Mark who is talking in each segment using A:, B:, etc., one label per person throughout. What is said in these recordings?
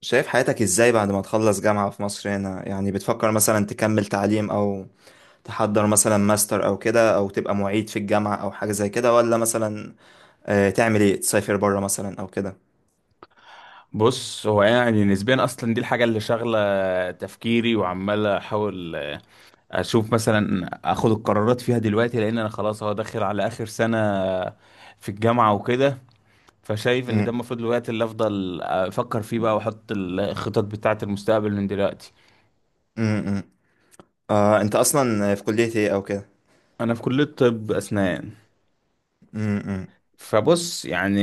A: شايف حياتك ازاي بعد ما تخلص جامعة في مصر هنا؟ يعني بتفكر مثلا تكمل تعليم او تحضر مثلا ماستر او كده، او تبقى معيد في الجامعة او حاجة زي كده، ولا مثلا تعمل ايه؟ تسافر بره مثلا او كده؟
B: بص، هو يعني نسبيا اصلا دي الحاجه اللي شاغله تفكيري وعمال احاول اشوف مثلا اخد القرارات فيها دلوقتي، لان انا خلاص هو داخل على اخر سنه في الجامعه وكده. فشايف ان ده
A: أمم،
B: المفروض الوقت اللي افضل افكر فيه بقى واحط الخطط بتاعه المستقبل من دلوقتي.
A: أمم، أمم. انت اصلا في كلية ايه او كده؟
B: انا في كليه طب اسنان.
A: أمم،
B: فبص يعني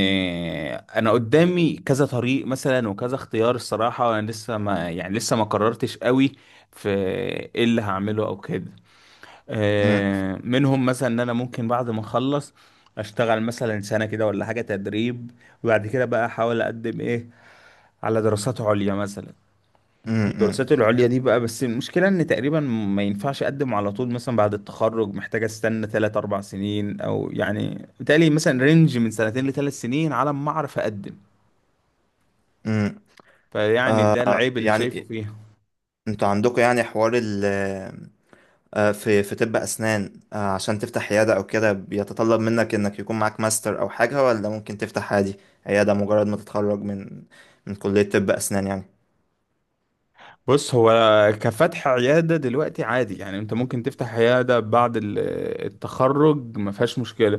B: انا قدامي كذا طريق مثلا وكذا اختيار الصراحه، وانا لسه، ما يعني، لسه ما قررتش قوي في ايه اللي هعمله او كده.
A: أمم،
B: منهم مثلا ان انا ممكن بعد ما اخلص اشتغل مثلا سنة كده ولا حاجة تدريب، وبعد كده بقى احاول اقدم ايه على دراسات عليا مثلا.
A: أمم، أمم،
B: الدراسات العليا دي بقى، بس المشكلة ان تقريبا ما ينفعش اقدم على طول مثلا بعد التخرج، محتاج استنى 3 4 سنين، او يعني بالتالي مثلا رينج من 2 سنين لثلاث سنين على ما اعرف اقدم.
A: أمم.
B: فيعني ده العيب اللي شايفه
A: يعني
B: فيها.
A: انتوا عندكم يعني حوار ال آه، في طب أسنان، عشان تفتح عيادة أو كده، بيتطلب منك إنك يكون معاك ماستر أو حاجة، ولا ممكن تفتح عادي عيادة مجرد ما تتخرج من كلية طب أسنان يعني؟
B: بص، هو كفتح عيادة دلوقتي عادي يعني، انت ممكن تفتح عيادة بعد التخرج، ما فيهاش مشكلة.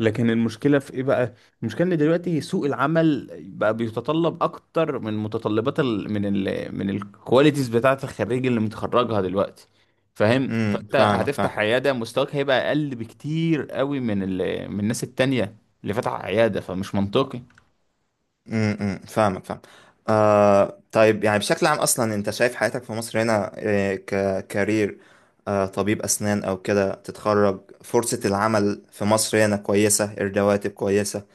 B: لكن المشكلة في ايه بقى؟ المشكلة ان دلوقتي سوق العمل بقى بيتطلب اكتر من متطلبات ال من ال من الكواليتيز بتاعة الخريج اللي متخرجها دلوقتي. فاهم؟
A: امم،
B: فانت
A: فاهمك فاهم.
B: هتفتح عيادة، مستواك هيبقى اقل بكتير قوي من الناس التانية اللي فتح عيادة، فمش منطقي.
A: فاهمك فاهم. آه طيب، يعني بشكل عام أصلا، أنت شايف حياتك في مصر هنا ككارير، طبيب أسنان أو كده، تتخرج فرصة العمل في مصر هنا كويسة؟ الرواتب كويسة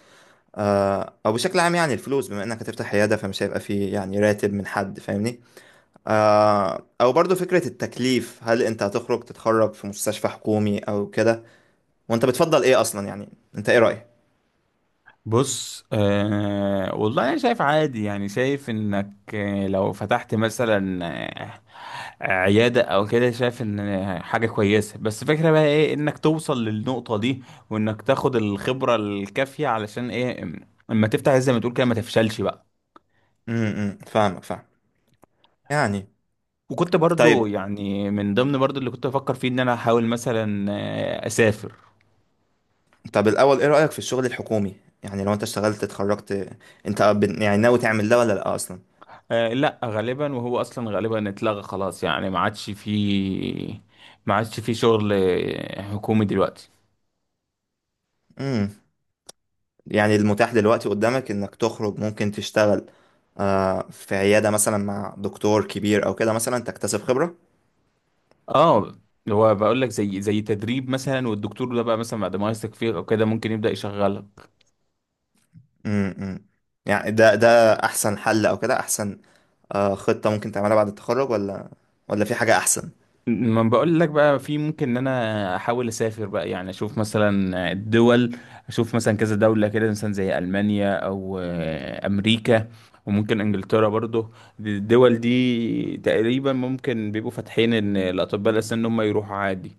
A: أو بشكل عام؟ يعني الفلوس، بما إنك هتفتح عيادة فمش هيبقى فيه يعني راتب من حد، فاهمني؟ او برضو فكرة التكليف، هل انت هتخرج تتخرج في مستشفى حكومي او كده؟ وانت بتفضل ايه اصلا يعني؟ انت ايه رأيك؟
B: بص، والله انا شايف عادي يعني، شايف انك، لو فتحت مثلا، عيادة او كده، شايف ان، حاجة كويسة، بس فكرة بقى ايه انك توصل للنقطة دي وانك تاخد الخبرة الكافية علشان ايه، اما تفتح زي ما تقول كده ما تفشلش بقى.
A: امم، فاهمك فاهم. يعني
B: وكنت برضو
A: طيب،
B: يعني من ضمن برضو اللي كنت بفكر فيه ان انا احاول مثلا، اسافر.
A: طب الاول ايه رأيك في الشغل الحكومي؟ يعني لو انت اشتغلت اتخرجت، انت يعني ناوي تعمل ده ولا لا اصلا؟
B: لا غالبا، وهو اصلا غالبا اتلغى خلاص، يعني ما عادش فيه شغل حكومي دلوقتي.
A: امم. يعني المتاح دلوقتي قدامك انك تخرج ممكن تشتغل في عيادة مثلا مع دكتور كبير او كده، مثلا تكتسب خبرة.
B: اه هو بقول لك زي تدريب مثلا، والدكتور ده بقى مثلا بعد ما يثق فيك او كده ممكن يبدأ يشغلك.
A: امم. يعني ده ده احسن حل او كده، احسن خطة ممكن تعملها بعد التخرج، ولا في حاجة أحسن؟
B: ما بقول لك بقى في ممكن ان انا احاول اسافر بقى، يعني اشوف مثلا الدول، اشوف مثلا كذا دولة كده مثلا زي المانيا او، امريكا، وممكن انجلترا برضو. الدول دي تقريبا ممكن بيبقوا فاتحين ان الاطباء الاسنان ان هم يروحوا عادي.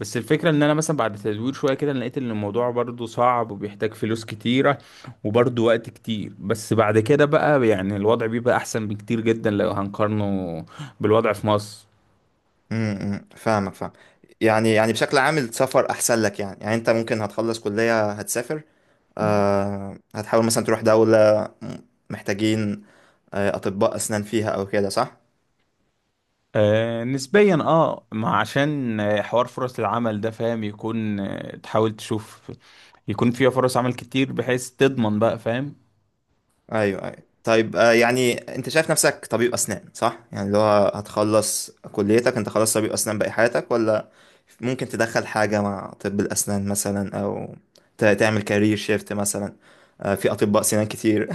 B: بس الفكرة ان انا مثلا بعد تدوير شوية كده لقيت ان الموضوع برضو صعب وبيحتاج فلوس كتيرة وبرضو وقت كتير. بس بعد كده بقى يعني الوضع بيبقى احسن بكتير جدا لو هنقارنه بالوضع في مصر.
A: امم، فاهمك فاهم. يعني يعني بشكل عام السفر أحسن لك؟ يعني يعني أنت ممكن هتخلص كلية هتسافر، هتحاول مثلا تروح دولة محتاجين أطباء أسنان فيها أو كده، صح؟
B: نسبيا ما عشان، حوار فرص العمل ده، فاهم، يكون تحاول تشوف يكون فيها فرص عمل كتير بحيث تضمن بقى، فاهم.
A: ايوه ايوه. طيب يعني انت شايف نفسك طبيب اسنان صح؟ يعني اللي هو هتخلص كليتك انت خلاص طبيب اسنان باقي حياتك، ولا ممكن تدخل حاجه مع طب الاسنان مثلا، او تعمل كارير شيفت مثلا؟ في اطباء سنان كتير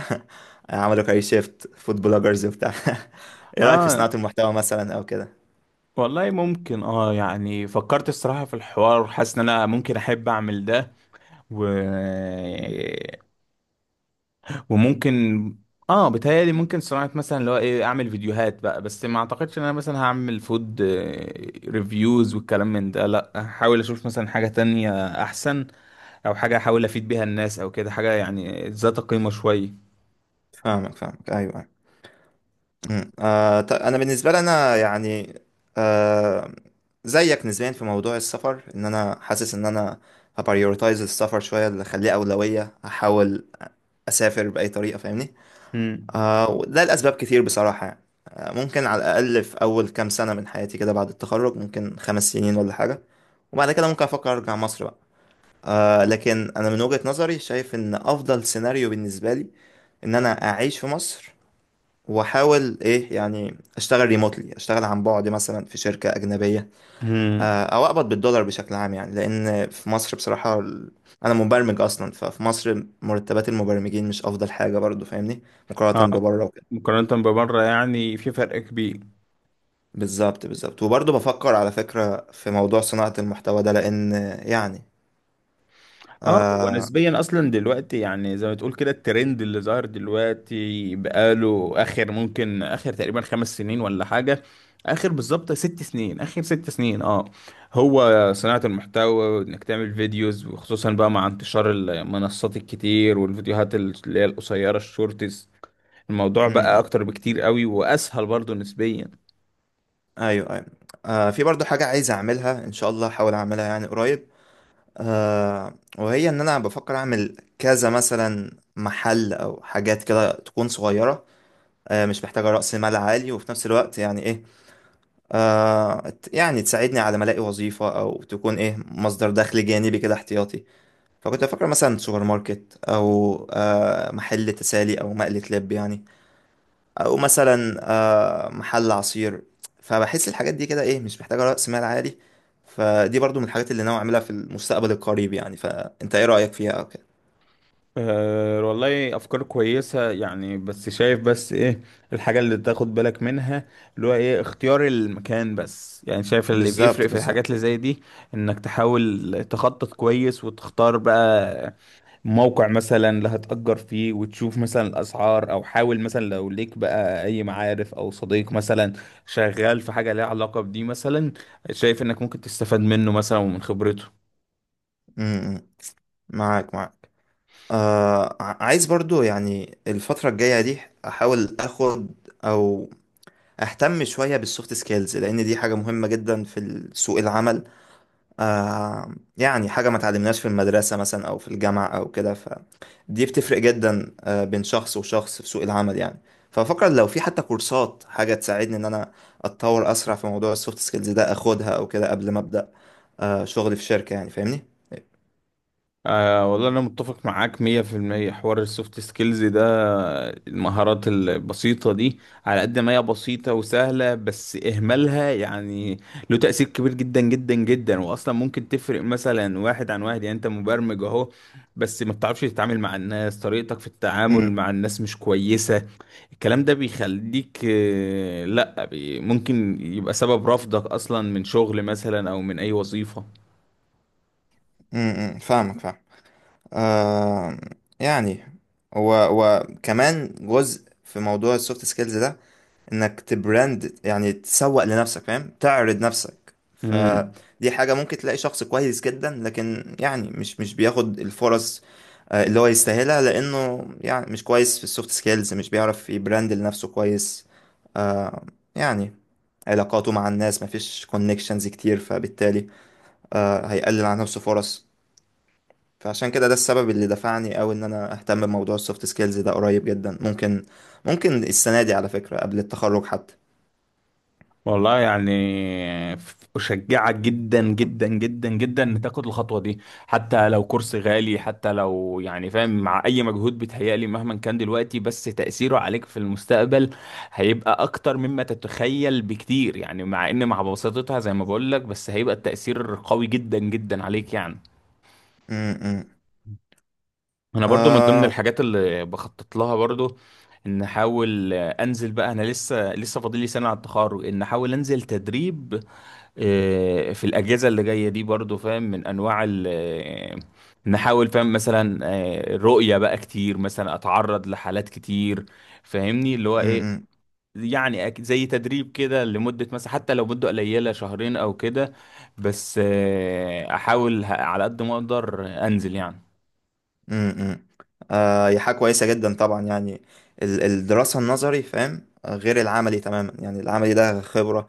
A: عملوا كارير شيفت فود بلوجرز وبتاع. ايه رايك في
B: اه
A: صناعه المحتوى مثلا او كده؟
B: والله ممكن، يعني فكرت الصراحة في الحوار، حاسس ان انا ممكن احب اعمل ده و... وممكن، اه بتهيألي ممكن صناعة مثلا، اللي هو ايه، اعمل فيديوهات بقى، بس ما اعتقدش ان انا مثلا هعمل فود ريفيوز والكلام من ده، لا هحاول اشوف مثلا حاجة تانية احسن، او حاجه احاول افيد بيها الناس او كده، حاجه يعني ذات قيمه شويه.
A: فاهمك فاهمك، ايوه أيوه. مم. انا بالنسبه لي انا يعني آه زيك نسبيا في موضوع السفر، ان انا حاسس ان انا هبريورتايز السفر شويه، اللي اخليه اولويه. هحاول اسافر باي طريقه، فاهمني؟
B: امم،
A: آه وده لاسباب كتير بصراحه يعني. آه ممكن على الاقل في اول كام سنه من حياتي كده بعد التخرج، ممكن خمس سنين ولا حاجه، وبعد كده ممكن افكر ارجع مصر بقى. آه لكن انا من وجهه نظري شايف ان افضل سيناريو بالنسبه لي ان انا اعيش في مصر واحاول ايه يعني اشتغل ريموتلي، اشتغل عن بعد مثلا في شركه اجنبيه،
B: امم.
A: او اقبض بالدولار بشكل عام يعني. لان في مصر بصراحه، انا مبرمج اصلا، ففي مصر مرتبات المبرمجين مش افضل حاجه برضو، فاهمني؟
B: اه
A: مقارنه ببره وكده.
B: مقارنه ببره يعني في فرق كبير.
A: بالظبط بالظبط. وبرضو بفكر على فكره في موضوع صناعه المحتوى ده، لان يعني.
B: اه ونسبيا اصلا دلوقتي يعني زي ما تقول كده الترند اللي ظاهر دلوقتي بقاله اخر، ممكن اخر تقريبا 5 سنين ولا حاجه، اخر بالظبط 6 سنين، اخر 6 سنين. اه هو صناعه المحتوى وانك تعمل فيديوز، وخصوصا بقى مع انتشار المنصات الكتير والفيديوهات اللي هي القصيره، الشورتس. الموضوع
A: امم،
B: بقى اكتر بكتير قوي واسهل برضو نسبيا.
A: ايوه ايوه. في برضو حاجه عايز اعملها ان شاء الله، احاول اعملها يعني قريب، آه وهي ان انا بفكر اعمل كذا مثلا محل او حاجات كده تكون صغيرة، آه مش محتاجة رأس مال عالي، وفي نفس الوقت يعني ايه يعني تساعدني على ما الاقي وظيفة، او تكون ايه مصدر دخل جانبي كده احتياطي. فكنت بفكر مثلا سوبر ماركت، او آه محل تسالي، او مقلة لب يعني، او مثلا محل عصير. فبحس الحاجات دي كده ايه مش محتاجه راس مال عالي، فدي برضو من الحاجات اللي ناوي اعملها في المستقبل القريب يعني. فانت ايه رايك فيها او كده؟
B: أه والله، افكار كويسه يعني، بس شايف بس ايه الحاجه اللي تاخد بالك منها، اللي هو ايه اختيار المكان، بس يعني شايف اللي بيفرق
A: بالظبط
B: في
A: بالظبط.
B: الحاجات اللي زي دي انك تحاول تخطط كويس وتختار بقى موقع مثلا اللي هتأجر فيه، وتشوف مثلا الاسعار، او حاول مثلا لو ليك بقى اي معارف او صديق مثلا شغال في حاجه ليها علاقه بدي مثلا، شايف انك ممكن تستفاد منه مثلا ومن خبرته.
A: امم، معاك معاك. عايز برضو يعني الفتره الجايه دي احاول اخد او اهتم شويه بالسوفت سكيلز، لان دي حاجه مهمه جدا في سوق العمل. آه يعني حاجة ما تعلمناش في المدرسة مثلا أو في الجامعة أو كده، فدي بتفرق جدا آه بين شخص وشخص في سوق العمل يعني. ففكر لو في حتى كورسات حاجة تساعدني إن أنا أتطور أسرع في موضوع السوفت سكيلز ده أخدها أو كده، قبل ما أبدأ شغل في شركة يعني، فاهمني؟
B: والله أنا متفق معاك 100%، حوار السوفت سكيلز ده، المهارات البسيطة دي، على قد ما هي بسيطة وسهلة، بس إهمالها يعني له تأثير كبير جدا جدا جدا، وأصلا ممكن تفرق مثلا واحد عن واحد. يعني أنت مبرمج أهو، بس ما بتعرفش تتعامل مع الناس، طريقتك في التعامل
A: امم
B: مع الناس مش كويسة، الكلام ده بيخليك، لأ، ممكن يبقى سبب رفضك أصلا من شغل مثلا أو من أي وظيفة.
A: امم، فاهمك فاهم. آه يعني، و وكمان جزء في موضوع السوفت سكيلز ده، انك تبراند، يعني تسوق لنفسك، فاهم، تعرض نفسك،
B: مم.
A: فدي حاجة ممكن تلاقي شخص كويس جدا لكن يعني مش بياخد الفرص اللي هو يستاهلها، لانه يعني مش كويس في السوفت سكيلز، مش بيعرف يبراند لنفسه كويس، آه، يعني علاقاته مع الناس مفيش كونكشنز كتير، فبالتالي هيقلل عن نفسه فرص. فعشان كده ده السبب اللي دفعني أوي إن أنا أهتم بموضوع السوفت سكيلز ده قريب جدا، ممكن السنة دي على فكرة قبل التخرج حتى.
B: والله يعني أشجعك جدا جدا جدا جدا إن تاخد الخطوة دي، حتى لو كورس غالي، حتى لو يعني فاهم، مع أي مجهود بيتهيألي مهما كان دلوقتي، بس تأثيره عليك في المستقبل هيبقى أكتر مما تتخيل بكتير. يعني مع إن، مع بساطتها زي ما بقولك، بس هيبقى التأثير قوي جدا جدا عليك يعني.
A: م- م.
B: أنا برضو من ضمن
A: آه
B: الحاجات اللي بخطط لها برضو ان احاول انزل بقى، انا لسه فاضل لي سنه على التخرج، ان احاول انزل تدريب، في الأجهزة اللي جاية دي، برضو فاهم، من أنواع ال آه، نحاول فاهم مثلا، رؤية بقى كتير مثلا، أتعرض لحالات كتير، فاهمني اللي هو
A: م-
B: إيه،
A: م-
B: يعني، زي تدريب كده لمدة مثلا، حتى لو مدة قليلة، 2 شهور أو كده، بس أحاول على قد ما أقدر أنزل يعني.
A: م- م. آه هي حاجة كويسة جدا طبعا يعني، الدراسة النظري فاهم غير العملي تماما يعني. العملي ده خبرة،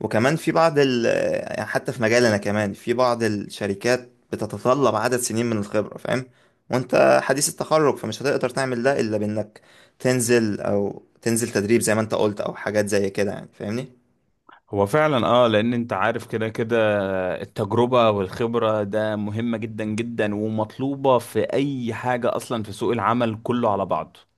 A: وكمان في بعض ال آه، حتى في مجالنا كمان، في بعض الشركات بتتطلب عدد سنين من الخبرة فاهم، وانت حديث التخرج فمش هتقدر تعمل ده إلا بإنك تنزل تدريب زي ما انت قلت، أو حاجات زي كده يعني، فاهمني؟
B: هو فعلا، لان انت عارف كده كده التجربة والخبرة ده مهمة جدا جدا ومطلوبة في اي حاجة اصلا في سوق العمل كله على بعضه.